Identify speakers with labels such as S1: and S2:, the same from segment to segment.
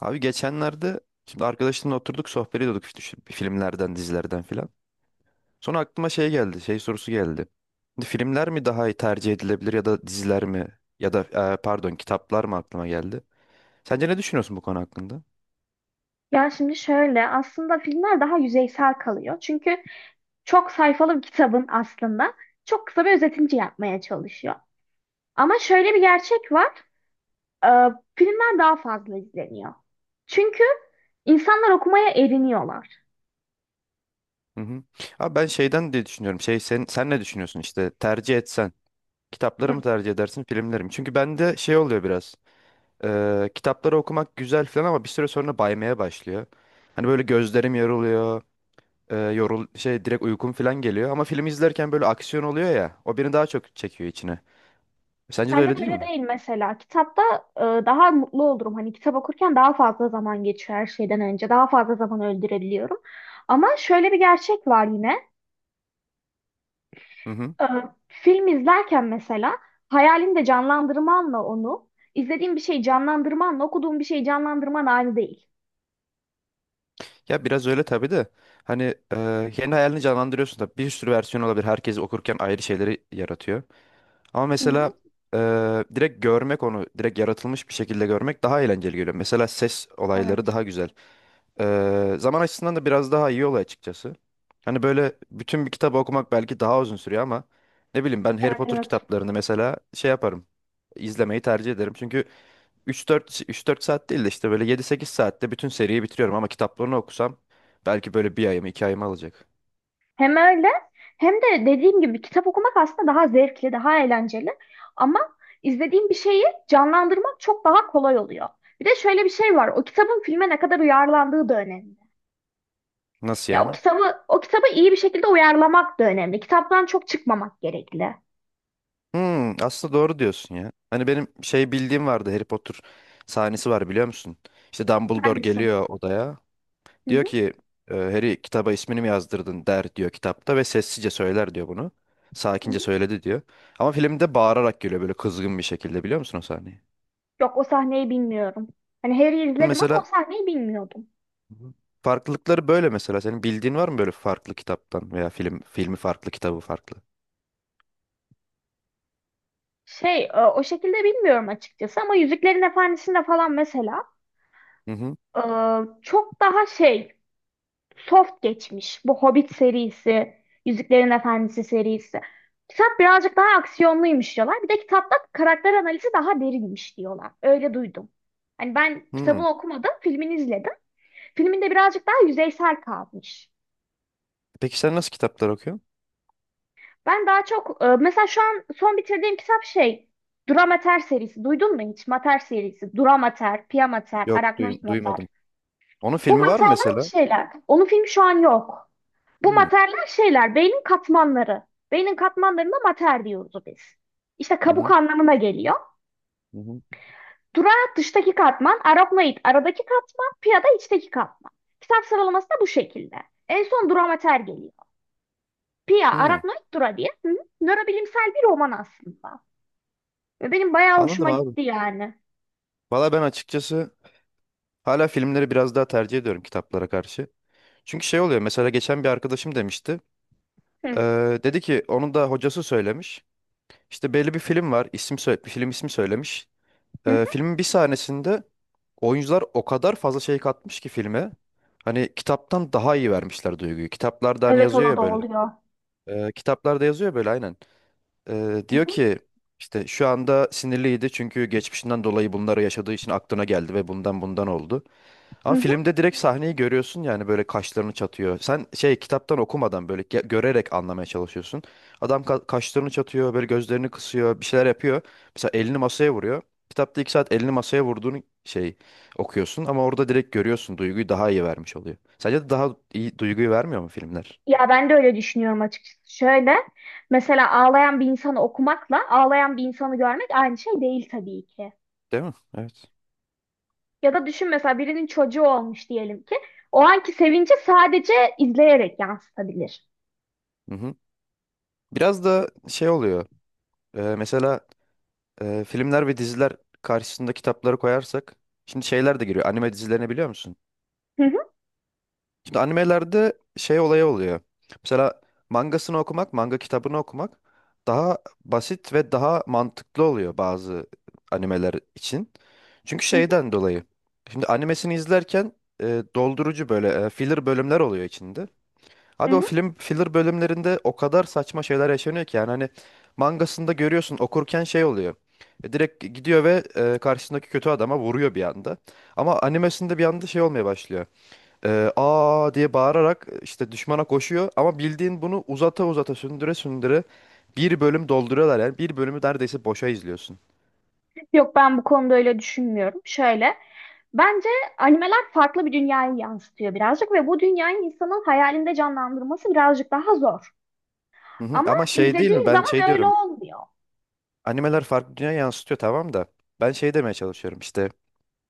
S1: Abi geçenlerde şimdi arkadaşımla oturduk sohbet ediyorduk işte şu filmlerden, dizilerden filan. Sonra aklıma şey geldi, şey sorusu geldi. Şimdi filmler mi daha iyi tercih edilebilir ya da diziler mi ya da pardon kitaplar mı aklıma geldi. Sence ne düşünüyorsun bu konu hakkında?
S2: Ya şimdi şöyle aslında filmler daha yüzeysel kalıyor. Çünkü çok sayfalı bir kitabın aslında çok kısa bir özetince yapmaya çalışıyor. Ama şöyle bir gerçek var. e, Filmler daha fazla izleniyor. Çünkü insanlar okumaya eriniyorlar.
S1: Hı hı. Abi ben şeyden diye düşünüyorum. Şey sen ne düşünüyorsun işte tercih etsen kitapları
S2: Hı.
S1: mı tercih edersin filmleri mi? Çünkü bende şey oluyor biraz. Kitapları okumak güzel falan ama bir süre sonra baymaya başlıyor. Hani böyle gözlerim yoruluyor. E, yorul şey Direkt uykum falan geliyor. Ama film izlerken böyle aksiyon oluyor ya. O beni daha çok çekiyor içine. Sence de
S2: Bende
S1: öyle
S2: de
S1: değil
S2: öyle
S1: mi?
S2: değil mesela. Kitapta daha mutlu olurum. Hani kitap okurken daha fazla zaman geçiyor her şeyden önce. Daha fazla zaman öldürebiliyorum. Ama şöyle bir gerçek var yine.
S1: Hı hı.
S2: Ee, Film izlerken mesela hayalinde canlandırmanla onu, izlediğin bir şeyi canlandırmanla okuduğun bir şeyi canlandırman aynı değil.
S1: Ya biraz öyle tabii de. Hani kendi hayalini canlandırıyorsun da bir sürü versiyon olabilir. Herkes okurken ayrı şeyleri yaratıyor. Ama
S2: Hı hı.
S1: mesela direkt görmek onu, direkt yaratılmış bir şekilde görmek daha eğlenceli geliyor. Mesela ses olayları
S2: Evet.
S1: daha güzel. Zaman açısından da biraz daha iyi oluyor açıkçası. Hani böyle bütün bir kitabı okumak belki daha uzun sürüyor ama ne bileyim ben Harry
S2: Evet,
S1: Potter
S2: evet.
S1: kitaplarını mesela şey yaparım. İzlemeyi tercih ederim. Çünkü 3-4 saat değil de işte böyle 7-8 saatte bütün seriyi bitiriyorum ama kitaplarını okusam belki böyle bir ayımı, iki ayımı alacak.
S2: Hem öyle hem de dediğim gibi kitap okumak aslında daha zevkli, daha eğlenceli. Ama izlediğim bir şeyi canlandırmak çok daha kolay oluyor. Bir de şöyle bir şey var. O kitabın filme ne kadar uyarlandığı da önemli.
S1: Nasıl
S2: Ya o
S1: yani?
S2: kitabı o kitabı iyi bir şekilde uyarlamak da önemli. Kitaptan çok çıkmamak gerekli.
S1: Hmm, aslında doğru diyorsun ya. Hani benim şey bildiğim vardı. Harry Potter sahnesi var biliyor musun? İşte Dumbledore
S2: Hangisi? Hı
S1: geliyor odaya. Diyor
S2: hı.
S1: ki Harry kitaba ismini mi yazdırdın der diyor kitapta ve sessizce söyler diyor bunu.
S2: Hı
S1: Sakince
S2: hı.
S1: söyledi diyor. Ama filmde bağırarak geliyor böyle kızgın bir şekilde biliyor musun o sahneyi?
S2: Yok, o sahneyi bilmiyorum. Hani Harry'i izledim ama o
S1: Mesela.
S2: sahneyi bilmiyordum.
S1: Hı. Farklılıkları böyle mesela. Senin bildiğin var mı böyle farklı kitaptan veya film filmi farklı kitabı farklı?
S2: Şey, o şekilde bilmiyorum açıkçası ama Yüzüklerin Efendisi'nde falan mesela
S1: Hı hı.
S2: e, çok daha şey, soft geçmiş. Bu Hobbit serisi, Yüzüklerin Efendisi serisi. Kitap birazcık daha aksiyonluymuş diyorlar. Bir de kitapta karakter analizi daha derinmiş diyorlar. Öyle duydum. Hani ben
S1: Hmm.
S2: kitabını okumadım, filmini izledim. Filminde birazcık daha yüzeysel kalmış.
S1: Peki sen nasıl kitaplar okuyorsun?
S2: Ben daha çok mesela şu an son bitirdiğim kitap şey, Duramater serisi. Duydun mu hiç? Mater serisi. Duramater, Piyamater,
S1: Yok
S2: Arachnoid Mater.
S1: duymadım. Onun
S2: Bu
S1: filmi var mı
S2: materler
S1: mesela?
S2: şeyler. Onun filmi şu an yok. Bu
S1: Hmm.
S2: materler şeyler. Beynin katmanları. Beynin katmanlarına mater diyoruz biz. İşte
S1: Hı
S2: kabuk
S1: hı,
S2: anlamına geliyor.
S1: hı hı.
S2: Dura dıştaki katman, arachnoid aradaki katman, pia da içteki katman. Kitap sıralaması da bu şekilde. En son duramater geliyor. Pia,
S1: Hı.
S2: arachnoid, dura diye. Hı? Nörobilimsel bir roman aslında. Ve benim bayağı
S1: Anladım
S2: hoşuma
S1: abi.
S2: gitti yani.
S1: Valla ben açıkçası hala filmleri biraz daha tercih ediyorum kitaplara karşı. Çünkü şey oluyor mesela geçen bir arkadaşım demişti.
S2: Hı
S1: Dedi ki onun da hocası söylemiş. İşte belli bir film var. İsim söyle, film ismi söylemiş.
S2: hı. Hı.
S1: Filmin bir sahnesinde oyuncular o kadar fazla şey katmış ki filme. Hani kitaptan daha iyi vermişler duyguyu. Kitaplarda hani
S2: Evet,
S1: yazıyor
S2: o
S1: ya
S2: da
S1: böyle.
S2: oluyor.
S1: Kitaplarda yazıyor böyle aynen.
S2: Hı
S1: Diyor
S2: hı.
S1: ki işte şu anda sinirliydi çünkü geçmişinden dolayı bunları yaşadığı için aklına geldi ve bundan oldu. Ama
S2: Hı hı.
S1: filmde direkt sahneyi görüyorsun yani böyle kaşlarını çatıyor. Sen şey kitaptan okumadan böyle görerek anlamaya çalışıyorsun. Adam kaşlarını çatıyor, böyle gözlerini kısıyor, bir şeyler yapıyor. Mesela elini masaya vuruyor. Kitapta 2 saat elini masaya vurduğunu şey okuyorsun ama orada direkt görüyorsun duyguyu daha iyi vermiş oluyor. Sence de daha iyi duyguyu vermiyor mu filmler?
S2: Ya ben de öyle düşünüyorum açıkçası. Şöyle, mesela ağlayan bir insanı okumakla ağlayan bir insanı görmek aynı şey değil tabii ki.
S1: Değil mi? Evet.
S2: Ya da düşün, mesela birinin çocuğu olmuş diyelim ki o anki sevinci sadece izleyerek yansıtabilir.
S1: Hı hı. Biraz da şey oluyor. Mesela filmler ve diziler karşısında kitapları koyarsak şimdi şeyler de giriyor. Anime dizilerini biliyor musun?
S2: Hı hı,
S1: Şimdi animelerde şey olayı oluyor. Mesela mangasını okumak, manga kitabını okumak daha basit ve daha mantıklı oluyor bazı animeler için. Çünkü
S2: hı hı,
S1: şeyden dolayı. Şimdi animesini izlerken doldurucu böyle filler bölümler oluyor içinde.
S2: hı
S1: Abi o
S2: hı.
S1: film filler bölümlerinde o kadar saçma şeyler yaşanıyor ki yani hani mangasında görüyorsun okurken şey oluyor. Direkt gidiyor ve karşısındaki kötü adama vuruyor bir anda. Ama animesinde bir anda şey olmaya başlıyor. Aa diye bağırarak işte düşmana koşuyor ama bildiğin bunu uzata uzata sündüre sündüre bir bölüm dolduruyorlar yani bir bölümü neredeyse boşa izliyorsun.
S2: Yok, ben bu konuda öyle düşünmüyorum. Şöyle, bence animeler farklı bir dünyayı yansıtıyor birazcık ve bu dünyayı insanın hayalinde canlandırması birazcık daha zor.
S1: Hı hı.
S2: Ama
S1: Ama şey değil mi
S2: izlediğin
S1: ben şey
S2: zaman öyle
S1: diyorum
S2: olmuyor.
S1: animeler farklı dünya yansıtıyor tamam da ben şey demeye çalışıyorum işte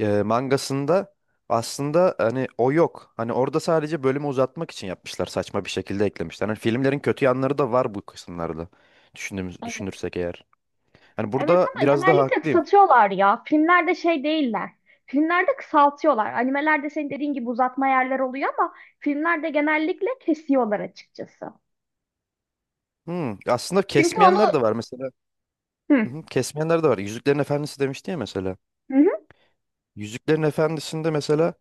S1: mangasında aslında hani o yok. Hani orada sadece bölümü uzatmak için yapmışlar. Saçma bir şekilde eklemişler. Hani filmlerin kötü yanları da var bu kısımlarda. Düşündüğümüz,
S2: Evet.
S1: düşünürsek eğer. Hani
S2: Evet
S1: burada
S2: ama
S1: biraz daha
S2: genellikle
S1: haklıyım.
S2: kısaltıyorlar ya. Filmlerde şey değiller. Filmlerde kısaltıyorlar. Animelerde senin dediğin gibi uzatma yerler oluyor ama filmlerde genellikle kesiyorlar açıkçası.
S1: Hmm, aslında
S2: Çünkü onu...
S1: kesmeyenler de var mesela.
S2: Hı,
S1: Hı hı, kesmeyenler de var. Yüzüklerin Efendisi demişti ya mesela.
S2: hı, hı,
S1: Yüzüklerin Efendisi'nde mesela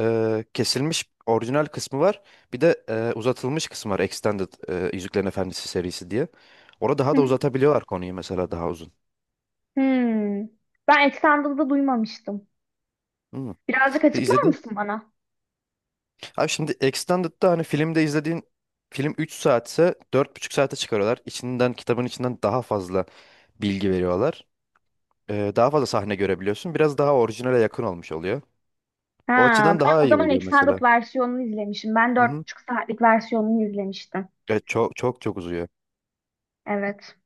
S1: kesilmiş orijinal kısmı var. Bir de uzatılmış kısmı var. Extended Yüzüklerin Efendisi serisi diye. Orada
S2: hı.
S1: daha da
S2: Hı.
S1: uzatabiliyorlar konuyu mesela daha uzun.
S2: Hmm. Ben Extended'ı duymamıştım.
S1: Hmm.
S2: Birazcık
S1: E,
S2: açıklar
S1: İzledin,
S2: mısın bana?
S1: Abi şimdi Extended'da hani filmde izlediğin film 3 saatse 4,5 saate çıkarıyorlar. İçinden kitabın içinden daha fazla bilgi veriyorlar. Daha fazla sahne görebiliyorsun. Biraz daha orijinale yakın olmuş oluyor. O
S2: Ha,
S1: açıdan
S2: ben
S1: daha
S2: o
S1: iyi
S2: zaman
S1: oluyor
S2: Extended
S1: mesela.
S2: versiyonunu izlemişim. Ben
S1: Hı
S2: dört
S1: hı.
S2: buçuk saatlik versiyonunu izlemiştim.
S1: Evet, çok çok çok uzuyor.
S2: Evet.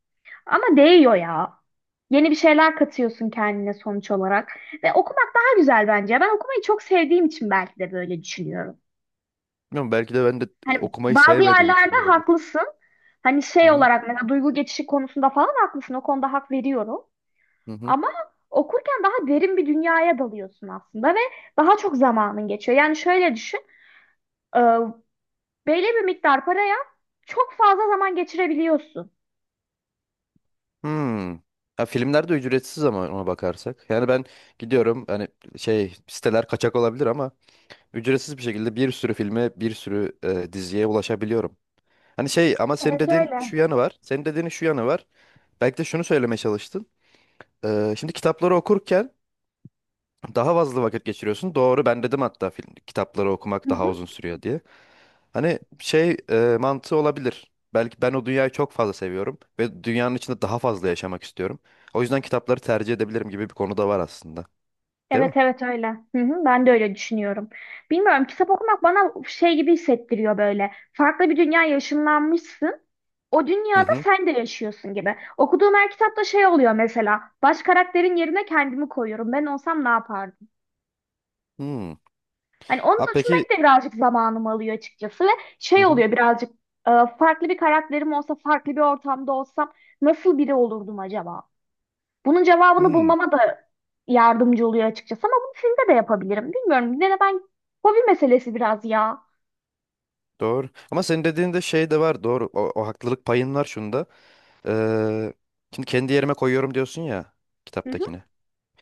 S2: Ama değiyor ya. Yeni bir şeyler katıyorsun kendine sonuç olarak. Ve okumak daha güzel bence. Ben okumayı çok sevdiğim için belki de böyle düşünüyorum.
S1: Bilmiyorum, belki de ben de
S2: Hani
S1: okumayı
S2: bazı
S1: sevmediğim
S2: yerlerde
S1: için olabilir.
S2: haklısın. Hani
S1: Hı
S2: şey
S1: hı.
S2: olarak mesela duygu geçişi konusunda falan haklısın. O konuda hak veriyorum.
S1: Hı hı.
S2: Ama okurken daha derin bir dünyaya dalıyorsun aslında ve daha çok zamanın geçiyor. Yani şöyle düşün. e, Belli bir miktar paraya çok fazla zaman geçirebiliyorsun.
S1: Hmm. Ha, filmler de ücretsiz ama ona bakarsak. Yani ben gidiyorum hani şey siteler kaçak olabilir ama ücretsiz bir şekilde bir sürü filme bir sürü diziye ulaşabiliyorum. Hani şey ama senin
S2: Evet
S1: dediğin
S2: öyle.
S1: şu yanı var. Senin dediğin şu yanı var. Belki de şunu söylemeye çalıştın. Şimdi kitapları okurken daha fazla vakit geçiriyorsun. Doğru ben dedim hatta film, kitapları okumak
S2: Hı
S1: daha
S2: hı.
S1: uzun sürüyor diye. Hani şey mantığı olabilir. Belki ben o dünyayı çok fazla seviyorum ve dünyanın içinde daha fazla yaşamak istiyorum. O yüzden kitapları tercih edebilirim gibi bir konu da var aslında. Değil mi?
S2: Evet, evet öyle. Hı hı, ben de öyle düşünüyorum. Bilmiyorum, kitap okumak bana şey gibi hissettiriyor böyle. Farklı bir dünya ışınlanmışsın. O
S1: Hı
S2: dünyada
S1: hı.
S2: sen de yaşıyorsun gibi. Okuduğum her kitapta şey oluyor mesela. Baş karakterin yerine kendimi koyuyorum. Ben olsam ne yapardım?
S1: Hmm.
S2: Hani onu
S1: Ha peki.
S2: düşünmek de birazcık zamanımı alıyor açıkçası ve
S1: Hı
S2: şey
S1: hı.
S2: oluyor birazcık, e, farklı bir karakterim olsa, farklı bir ortamda olsam nasıl biri olurdum acaba? Bunun cevabını
S1: Hmm.
S2: bulmama da yardımcı oluyor açıkçası ama bunu filmde de yapabilirim. Bilmiyorum. Yine de ben, hobi meselesi biraz ya.
S1: Doğru. Ama senin dediğinde şey de var. Doğru. O haklılık payın var şunda. Ee, Şimdi kendi yerime koyuyorum diyorsun ya
S2: Hı hı,
S1: kitaptakini.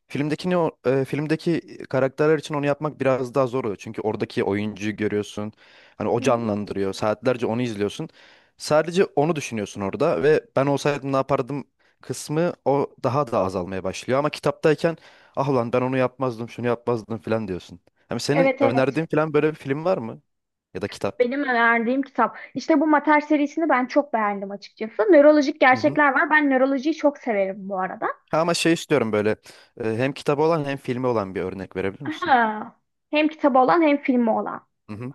S1: Filmdekini filmdeki karakterler için onu yapmak biraz daha zor oluyor. Çünkü oradaki oyuncuyu görüyorsun. Hani o
S2: hı hı.
S1: canlandırıyor. Saatlerce onu izliyorsun. Sadece onu düşünüyorsun orada ve ben olsaydım ne yapardım kısmı o daha da azalmaya başlıyor. Ama kitaptayken ah ulan ben onu yapmazdım, şunu yapmazdım falan diyorsun. Hani senin
S2: Evet, evet.
S1: önerdiğin falan böyle bir film var mı? Ya da kitap.
S2: Benim önerdiğim kitap. İşte bu Mater serisini ben çok beğendim açıkçası. Nörolojik
S1: Hı hı.
S2: gerçekler var. Ben nörolojiyi çok severim bu arada.
S1: Ha, ama şey istiyorum böyle hem kitabı olan hem filmi olan bir örnek verebilir misin?
S2: Aha. Hem kitabı olan hem filmi olan.
S1: Hı hı,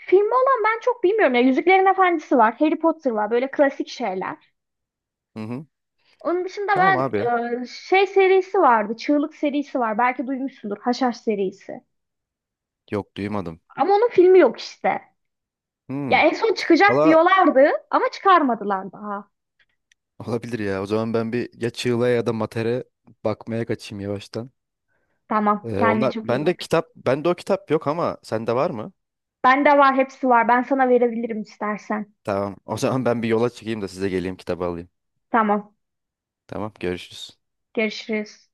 S2: Filmi olan ben çok bilmiyorum ya. Yüzüklerin Efendisi var. Harry Potter var. Böyle klasik şeyler.
S1: hı hı.
S2: Onun dışında
S1: Tamam
S2: ben
S1: abi ya.
S2: şey serisi vardı. Çığlık serisi var. Belki duymuşsundur. Haşhaş serisi.
S1: Yok duymadım.
S2: Ama onun filmi yok işte. Ya
S1: Hmm.
S2: en son çıkacak
S1: Valla
S2: diyorlardı ama çıkarmadılar daha.
S1: olabilir ya. O zaman ben bir ya Çığla'ya ya da Mater'e bakmaya kaçayım yavaştan.
S2: Tamam, kendine
S1: Onlar
S2: çok iyi
S1: bende
S2: bak.
S1: kitap bende o kitap yok ama sende var mı?
S2: Bende var, hepsi var. Ben sana verebilirim istersen.
S1: Tamam. O zaman ben bir yola çıkayım da size geleyim kitabı alayım.
S2: Tamam,
S1: Tamam görüşürüz.
S2: görüşürüz.